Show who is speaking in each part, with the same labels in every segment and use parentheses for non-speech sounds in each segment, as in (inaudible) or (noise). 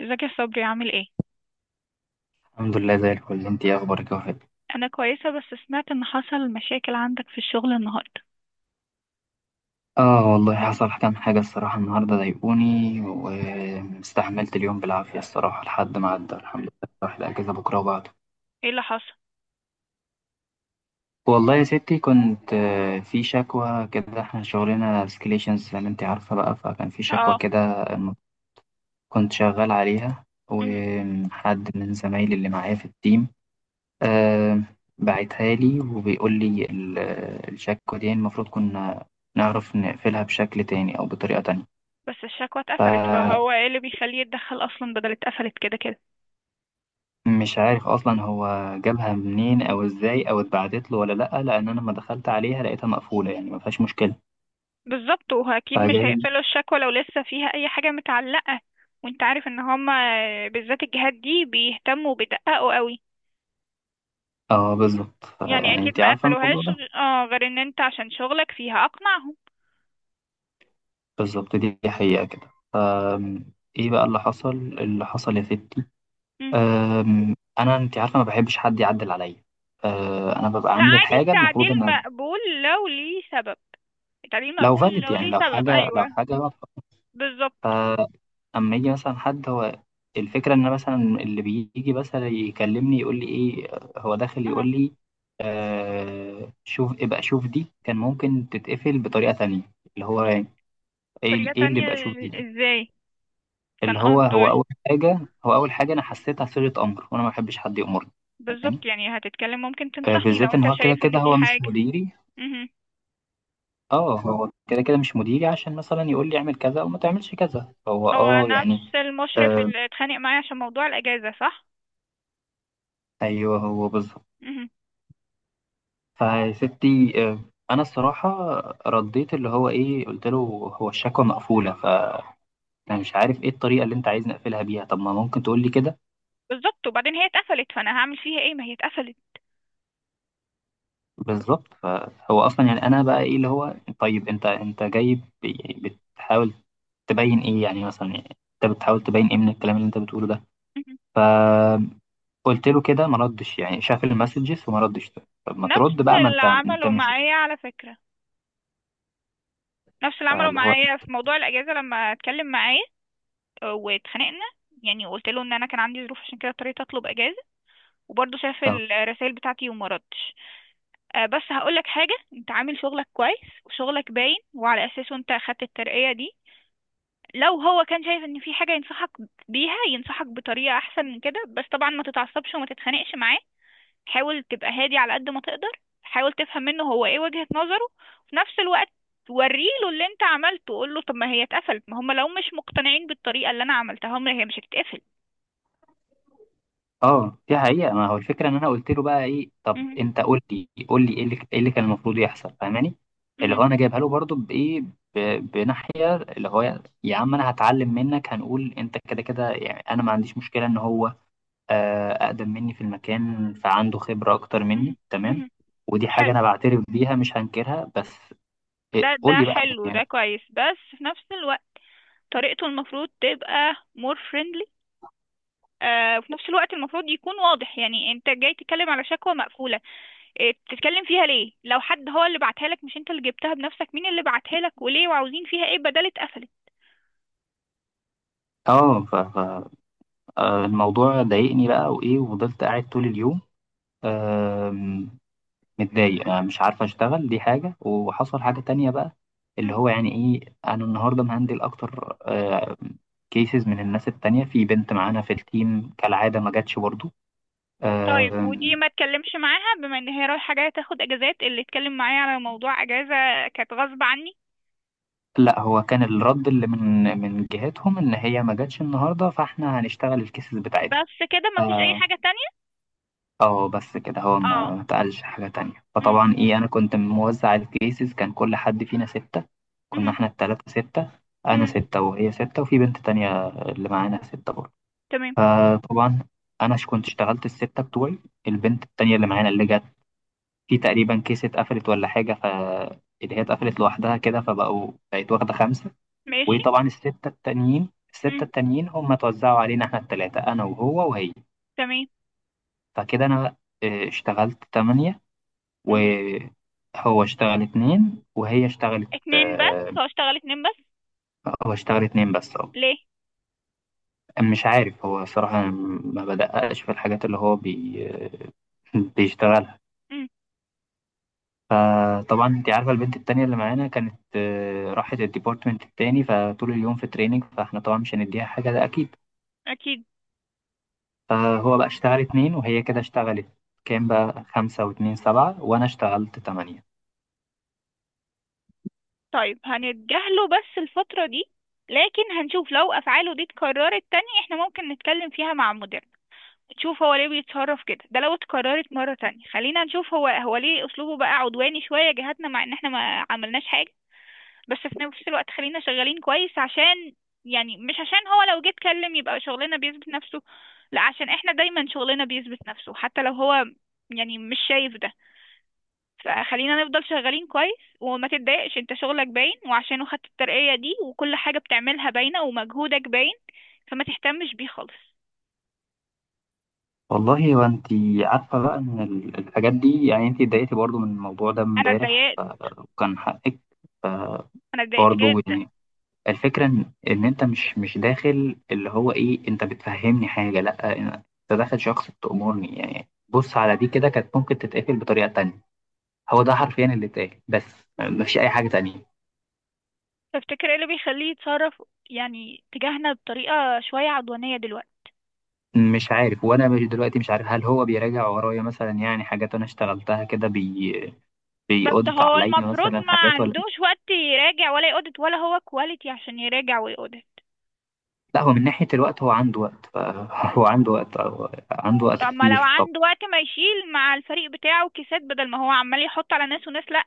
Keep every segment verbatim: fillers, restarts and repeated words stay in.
Speaker 1: ازيك يا صبري؟ عامل ايه؟
Speaker 2: الحمد لله زي الفل. انت ايه اخبارك يا وفاء؟
Speaker 1: انا كويسه، بس سمعت ان حصل مشاكل عندك في الشغل النهارده.
Speaker 2: اه والله حصل كام حاجه الصراحه النهارده، ضايقوني واستحملت اليوم بالعافيه الصراحه لحد ما عدى الحمد لله. راح الاجازه بكره وبعده.
Speaker 1: ايه اللي حصل؟
Speaker 2: والله يا ستي كنت آه، في شكوى كده، احنا شغلنا سكليشنز زي ما انت عارفه بقى، فكان في شكوى
Speaker 1: اه.
Speaker 2: كده الم- كنت شغال عليها،
Speaker 1: امم
Speaker 2: وحد من زمايلي اللي معايا في التيم آه، بعتها لي وبيقول لي ال- الشكوى دي المفروض كنا نعرف نقفلها بشكل تاني او بطريقه تانية.
Speaker 1: بس الشكوى اتقفلت،
Speaker 2: فمش
Speaker 1: فهو ايه اللي بيخليه يتدخل اصلا؟ بدل اتقفلت كده كده.
Speaker 2: عارف اصلا هو جابها منين او ازاي او اتبعتت له ولا لا، لان انا لما دخلت عليها لقيتها مقفوله، يعني ما فيهاش مشكله.
Speaker 1: بالظبط، واكيد مش
Speaker 2: فجاي.
Speaker 1: هيقفلوا الشكوى لو لسه فيها اي حاجه متعلقه. وانت عارف ان هما بالذات الجهات دي بيهتموا وبيدققوا قوي.
Speaker 2: اه بالظبط. ف-
Speaker 1: يعني
Speaker 2: يعني
Speaker 1: اكيد
Speaker 2: انت
Speaker 1: ما
Speaker 2: عارفه الموضوع
Speaker 1: قفلوهاش
Speaker 2: ده
Speaker 1: غ- اه غير ان انت عشان شغلك فيها اقنعهم.
Speaker 2: بالظبط، دي دي حقيقه كده. ف ايه بقى اللي حصل؟ اللي حصل يا ستي،
Speaker 1: مم.
Speaker 2: أم، انا انت عارفه ما بحبش حد يعدل عليا. أه، انا ببقى
Speaker 1: لا
Speaker 2: عامل
Speaker 1: عادي،
Speaker 2: الحاجه
Speaker 1: التعديل
Speaker 2: المفروض ان
Speaker 1: مقبول لو ليه سبب. التعديل
Speaker 2: لو
Speaker 1: مقبول
Speaker 2: فالid،
Speaker 1: لو
Speaker 2: يعني
Speaker 1: ليه
Speaker 2: لو
Speaker 1: سبب،
Speaker 2: حاجه، لو
Speaker 1: ايوه.
Speaker 2: حاجه واضحه.
Speaker 1: بالظبط.
Speaker 2: اما يجي مثلا حد، هو الفكره ان أنا مثلا اللي بيجي مثلا يكلمني يقول لي ايه، هو داخل
Speaker 1: اه.
Speaker 2: يقول لي آه شوف، ابقى شوف دي كان ممكن تتقفل بطريقه تانية. اللي هو ايه؟
Speaker 1: طريقة
Speaker 2: ايه اللي
Speaker 1: تانية؟
Speaker 2: ابقى شوف دي دي؟
Speaker 1: ازاي؟
Speaker 2: اللي
Speaker 1: كان
Speaker 2: هو
Speaker 1: قصده
Speaker 2: هو اول
Speaker 1: ايه؟
Speaker 2: حاجه، هو اول حاجه انا حسيتها صيغه امر، وانا ما بحبش حد يامرني. فاهماني؟
Speaker 1: بالظبط، يعني هتتكلم ممكن
Speaker 2: آه
Speaker 1: تنصحني لو
Speaker 2: بالذات
Speaker 1: انت
Speaker 2: ان هو كده
Speaker 1: شايف ان
Speaker 2: كده
Speaker 1: في
Speaker 2: هو مش
Speaker 1: حاجة.
Speaker 2: مديري.
Speaker 1: مهم.
Speaker 2: اه هو كده كده مش مديري عشان مثلا يقول لي اعمل كذا او ما تعملش كذا، هو
Speaker 1: هو
Speaker 2: اه
Speaker 1: نفس
Speaker 2: يعني.
Speaker 1: المشرف
Speaker 2: آه
Speaker 1: اللي اتخانق معايا عشان موضوع الأجازة، صح؟
Speaker 2: ايوه هو بالظبط.
Speaker 1: مهم.
Speaker 2: فيا ستي، آه، انا الصراحه رديت، اللي هو ايه، قلت له هو الشكوى مقفوله، فانا مش عارف ايه الطريقه اللي انت عايز نقفلها بيها. طب ما ممكن تقول لي كده؟
Speaker 1: بالظبط، وبعدين هي اتقفلت، فانا هعمل فيها ايه؟ ما هي اتقفلت.
Speaker 2: بالظبط. فهو اصلا يعني انا بقى ايه اللي هو، طيب انت انت جاي ب- بتحاول تبين ايه؟ يعني مثلا يعني انت بتحاول تبين ايه من الكلام اللي انت بتقوله ده؟
Speaker 1: مهم.
Speaker 2: فقلت له كده ما ردش، يعني شاف المسجز وما ردش. طب ما ترد
Speaker 1: نفس
Speaker 2: بقى، ما
Speaker 1: اللي
Speaker 2: انت انت
Speaker 1: عمله
Speaker 2: مش.
Speaker 1: معايا على فكرة. نفس اللي عمله
Speaker 2: اللي هو
Speaker 1: معايا في موضوع الأجازة لما اتكلم معاه. اه، واتخانقنا يعني. وقلت له ان انا كان عندي ظروف، عشان كده اضطريت اطلب اجازه. وبرضه شاف الرسائل بتاعتي وما ردش. آه، بس هقولك حاجة، انت عامل شغلك كويس وشغلك باين، وعلى اساسه انت اخدت الترقية دي. لو هو كان شايف ان في حاجة ينصحك بيها، ينصحك بطريقة احسن من كده. بس طبعا ما تتعصبش وما تتخانقش معاه. حاول تبقى هادي على قد ما تقدر. حاول تفهم منه هو ايه وجهة نظره في نفس الوقت. وريله اللي انت عملته. قول له طب ما هي اتقفلت، ما هم لو مش مقتنعين بالطريقة اللي انا عملتها هم هي مش هتتقفل.
Speaker 2: اه. دي حقيقة. ما هو الفكرة ان انا قلت له بقى ايه، طب
Speaker 1: مهم.
Speaker 2: انت قول لي قول لي ايه اللي، ايه اللي كان المفروض يحصل؟ فاهماني؟ اللي
Speaker 1: مهم.
Speaker 2: هو انا جايبها له برضو بايه، ب- بناحية اللي هو يا عم انا هتعلم منك، هنقول انت كده كده، يعني انا ما عنديش مشكلة ان هو آه، اقدم مني في المكان، فعنده خبرة اكتر
Speaker 1: مهم.
Speaker 2: مني، تمام.
Speaker 1: مهم.
Speaker 2: ودي حاجة
Speaker 1: حلو.
Speaker 2: انا بعترف بيها مش هنكرها، بس إيه
Speaker 1: ده
Speaker 2: قول
Speaker 1: ده
Speaker 2: لي بقى
Speaker 1: حلو، ده
Speaker 2: يعني.
Speaker 1: كويس، بس في نفس الوقت طريقته المفروض تبقى مور فريندلي. وفي نفس الوقت المفروض يكون واضح. يعني انت جاي تتكلم على شكوى مقفولة، آه، تتكلم فيها ليه؟ لو حد هو اللي بعتها لك مش انت اللي جبتها بنفسك، مين اللي بعتها لك وليه وعاوزين فيها ايه بدل اتقفلت؟
Speaker 2: اه ف- ف- آه، الموضوع ضايقني بقى، وايه وفضلت قاعد طول اليوم متضايق، أنا مش عارف اشتغل، دي حاجة. وحصل حاجة تانية بقى، اللي
Speaker 1: مم.
Speaker 2: هو يعني ايه، انا النهاردة مهندل اكتر كيسز من الناس التانية. في بنت معانا في التيم كالعادة ما جاتش برضو.
Speaker 1: طيب، ودي
Speaker 2: آم،
Speaker 1: ما اتكلمش معاها بما ان هي رايحة جاية تاخد اجازات؟ اللي اتكلم معايا على موضوع اجازة كانت غصب عني.
Speaker 2: لا هو كان الرد اللي من من جهتهم ان هي ما جاتش النهاردة، فاحنا هنشتغل الكيسز بتاعتها.
Speaker 1: بس كده؟ ما فيش اي حاجة تانية؟
Speaker 2: اه بس كده، هو
Speaker 1: اه.
Speaker 2: ما ما اتقالش حاجة تانية.
Speaker 1: مم.
Speaker 2: فطبعا ايه، انا كنت موزع الكيسز، كان كل حد فينا ستة. كنا
Speaker 1: مم.
Speaker 2: احنا التلاتة ستة، انا
Speaker 1: مم.
Speaker 2: ستة وهي ستة وفي بنت تانية اللي معانا ستة برضه.
Speaker 1: تمام.
Speaker 2: فطبعا انا ش- كنت اشتغلت الستة بتوعي. البنت التانية اللي معانا اللي جت في تقريبا كيس اتقفلت ولا حاجة، ف اللي هي اتقفلت لوحدها كده، فبقوا بقت واخدة خمسة.
Speaker 1: ماشي.
Speaker 2: وطبعا الستة التانيين، الستة
Speaker 1: مم.
Speaker 2: التانيين هم اتوزعوا علينا احنا التلاتة، انا وهو وهي.
Speaker 1: تمام.
Speaker 2: فكده انا اه، اشتغلت تمانية،
Speaker 1: مم.
Speaker 2: وهو اشتغل اتنين، وهي اشتغلت
Speaker 1: اتنين بس؟
Speaker 2: آه،
Speaker 1: هو اشتغل اتنين بس؟
Speaker 2: هو اشتغل اتنين بس اه.
Speaker 1: ليه؟
Speaker 2: مش عارف هو صراحة ما بدققش في الحاجات اللي هو بي... (laughs) بيشتغلها.
Speaker 1: مم.
Speaker 2: فطبعا انت عارفة البنت التانية اللي معانا كانت آه، راحت الديبارتمنت التاني، فطول اليوم في تريننج، فاحنا طبعا مش هنديها حاجة ده أكيد.
Speaker 1: أكيد.
Speaker 2: فهو بقى اشتغل اتنين، وهي كده اشتغلت كام بقى، خمسة واتنين سبعة، وأنا اشتغلت تمانية.
Speaker 1: طيب، هنتجاهله بس الفترة دي. لكن هنشوف لو أفعاله دي اتكررت تاني احنا ممكن نتكلم فيها مع مديرنا. نشوف هو ليه بيتصرف كده. ده لو اتكررت مرة تانية، خلينا نشوف هو هو ليه أسلوبه بقى عدواني شوية جهاتنا مع إن احنا ما عملناش حاجة. بس في نفس الوقت خلينا شغالين كويس، عشان يعني مش عشان هو لو جه اتكلم يبقى شغلنا بيثبت نفسه. لا، عشان احنا دايما شغلنا بيثبت نفسه حتى لو هو يعني مش شايف ده. فخلينا نفضل شغالين كويس وما تتضايقش. انت شغلك باين وعشانه خدت الترقية دي، وكل حاجة بتعملها باينة ومجهودك باين. فما تهتمش بيه خالص.
Speaker 2: والله وانت عارفة بقى ان ال- الحاجات دي، يعني انت اتضايقتي برضو من الموضوع ده
Speaker 1: انا
Speaker 2: امبارح
Speaker 1: اتضايقت.
Speaker 2: ف- وكان حقك
Speaker 1: انا اتضايقت
Speaker 2: برضو.
Speaker 1: جدا.
Speaker 2: يعني الفكرة ان ان انت مش مش داخل اللي هو ايه، انت بتفهمني حاجة، لا انت داخل شخص بتأمرني، يعني بص على دي كده كانت ممكن تتقفل بطريقة تانية. هو ده حرفيا اللي اتقال، بس مفيش اي حاجة تانية.
Speaker 1: تفتكر ايه اللي بيخليه يتصرف يعني تجاهنا بطريقة شوية عدوانية دلوقتي؟
Speaker 2: مش عارف، وانا مش دلوقتي مش عارف هل هو بيراجع ورايا مثلا، يعني حاجات انا اشتغلتها كده بي
Speaker 1: بس
Speaker 2: بيقودت
Speaker 1: هو
Speaker 2: عليا
Speaker 1: المفروض
Speaker 2: مثلا
Speaker 1: ما
Speaker 2: حاجات ولا.
Speaker 1: عندوش وقت يراجع ولا يقودت، ولا هو كواليتي عشان يراجع ويقودت؟
Speaker 2: لا هو من ناحية الوقت هو عنده وقت ف- (laughs) هو عنده وقت، هو عنده وقت
Speaker 1: طب ما لو
Speaker 2: كتير. طب
Speaker 1: عنده وقت ما يشيل مع الفريق بتاعه كيسات بدل ما هو عمال يحط على ناس وناس؟ لا.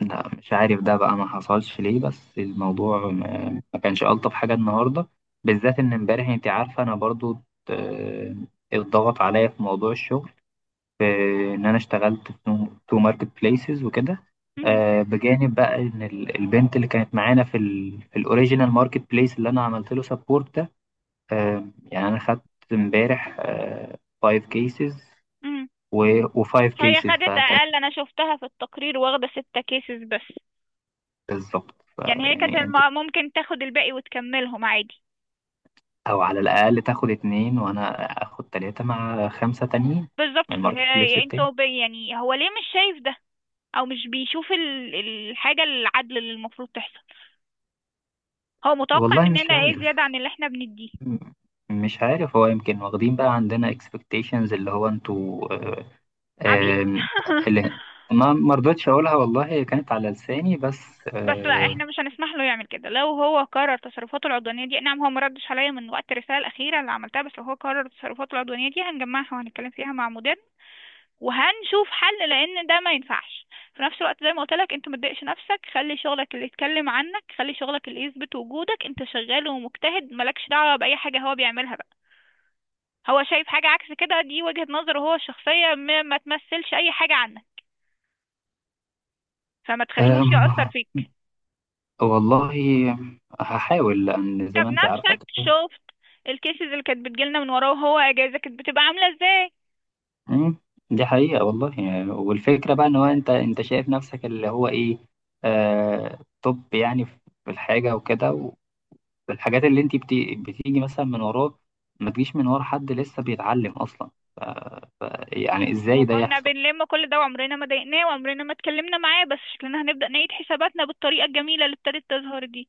Speaker 2: لا مش عارف، ده بقى ما حصلش ليه، بس الموضوع ما, ما كانش ألطف حاجة النهاردة، بالذات إن امبارح أنت عارفة أنا برضو آه، اتضغط عليا في موضوع الشغل، في إن أنا اشتغلت في تو ماركت بليسز وكده.
Speaker 1: مهم.
Speaker 2: آه، بجانب بقى إن ال- البنت اللي كانت معانا في ال في الأوريجينال ماركت بليس اللي أنا عملت له سبورت ده، آه، يعني أنا خدت امبارح خمس كيسز
Speaker 1: مهم.
Speaker 2: و و5
Speaker 1: هي
Speaker 2: كيسز.
Speaker 1: خدت
Speaker 2: فكانت
Speaker 1: اقل، انا شفتها في التقرير واخده ستة كيسز بس.
Speaker 2: بالظبط
Speaker 1: يعني هي كانت
Speaker 2: فيعني انت،
Speaker 1: الم- ممكن تاخد الباقي وتكملهم عادي.
Speaker 2: او على الاقل تاخد اتنين، وانا اخد تلاتة مع خمسة تانيين
Speaker 1: بالظبط،
Speaker 2: من الماركت بليس
Speaker 1: فهي انت
Speaker 2: التاني.
Speaker 1: وب- يعني هو ليه مش شايف ده؟ او مش بيشوف ال- الحاجه العدل اللي المفروض تحصل؟ هو متوقع
Speaker 2: والله مش
Speaker 1: مننا ايه زياده
Speaker 2: عارف.
Speaker 1: عن اللي احنا بنديه؟
Speaker 2: م- مش عارف، هو يمكن واخدين بقى عندنا expectations اللي هو انتوا آه،
Speaker 1: عبيد.
Speaker 2: آم،
Speaker 1: (laughs)
Speaker 2: اللي ما ما رضيتش اقولها، والله هي كانت على لساني بس.
Speaker 1: بس لا،
Speaker 2: آه،
Speaker 1: احنا مش هنسمح له يعمل كده لو هو كرر تصرفاته العدوانيه دي. نعم هو ما ردش عليا من وقت الرساله الاخيره اللي عملتها، بس لو هو كرر تصرفاته العدوانيه دي هنجمعها وهنتكلم فيها مع مديرنا. وهنشوف حل، لان ده ما ينفعش. في نفس الوقت، زي ما قلت لك، انت ما تضايقش نفسك. خلي شغلك اللي يتكلم عنك. خلي شغلك اللي يثبت وجودك. انت شغال ومجتهد، مالكش دعوة بأي حاجة هو بيعملها بقى. هو شايف حاجة عكس كده، دي وجهة نظره هو الشخصية، ما, ما تمثلش أي حاجة عنك. فما تخليهوش
Speaker 2: آم،
Speaker 1: يأثر فيك.
Speaker 2: والله هحاول لان
Speaker 1: انت
Speaker 2: زي ما انت عارفة
Speaker 1: بنفسك
Speaker 2: كده.
Speaker 1: شفت الكيسز اللي كانت بتجيلنا من وراه وهو اجازة، كانت بتبقى عاملة ازاي.
Speaker 2: مم، دي حقيقة والله. يعني والفكرة بقى ان هو، انت انت شايف نفسك اللي هو ايه، آه توب يعني في الحاجة وكده، والحاجات اللي انت بت- بتيجي مثلا من وراه، ما تجيش من ورا حد لسه بيتعلم اصلا. ف ف يعني ازاي ده
Speaker 1: وكنا
Speaker 2: يحصل؟
Speaker 1: بنلم كل ده، وعمرنا ما ضايقناه وعمرنا ما اتكلمنا معاه، بس شكلنا هنبدأ نعيد حساباتنا بالطريقة الجميلة اللي ابتدت تظهر دي.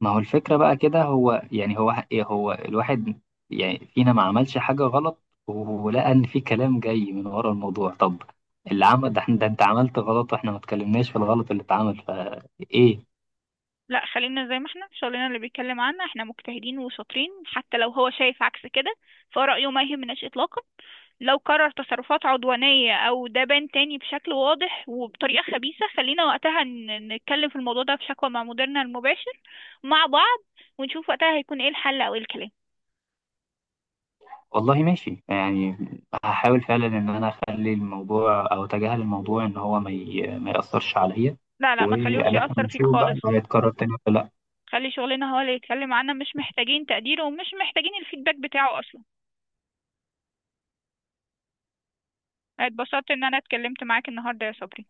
Speaker 2: ما هو الفكرة بقى كده، هو يعني هو إيه، هو الواحد يعني فينا ما عملش حاجة غلط، ولقى ان في كلام جاي من ورا الموضوع. طب اللي عمل ده, إحنا- ده انت عملت غلط، واحنا ما اتكلمناش في الغلط اللي اتعمل فايه.
Speaker 1: لا، خلينا زي ما احنا، شغلنا اللي بيتكلم عنا، احنا مجتهدين وشاطرين حتى لو هو شايف عكس كده. فرأيه ما يهمناش اطلاقا. لو قرر تصرفات عدوانية او ده بان تاني بشكل واضح وبطريقة خبيثة، خلينا وقتها ن- نتكلم في الموضوع ده في شكوى مع مديرنا المباشر مع بعض. ونشوف وقتها هيكون ايه الحل او ايه الكلام.
Speaker 2: والله ماشي يعني، هحاول فعلا ان انا اخلي الموضوع او اتجاهل الموضوع، ان هو ما ي... ما ياثرش عليا،
Speaker 1: لا لا، ما تخليهوش
Speaker 2: وان احنا
Speaker 1: يأثر فيك
Speaker 2: نشوف بقى
Speaker 1: خالص.
Speaker 2: لو هيتكرر تاني ولا لا.
Speaker 1: خلي شغلنا هو اللي يتكلم عنا، مش محتاجين تقديره ومش محتاجين الفيدباك بتاعه اصلا. اتبسطت ان انا اتكلمت معاك النهارده يا صبري.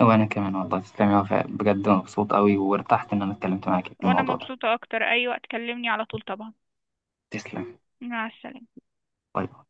Speaker 2: وانا كمان والله تسلمي، أنا بجد مبسوط قوي وارتحت ان انا اتكلمت معاكي في
Speaker 1: وانا
Speaker 2: الموضوع ده.
Speaker 1: مبسوطة اكتر، اي وقت كلمني على طول طبعا.
Speaker 2: تسلم.
Speaker 1: مع السلامة.
Speaker 2: باي باي.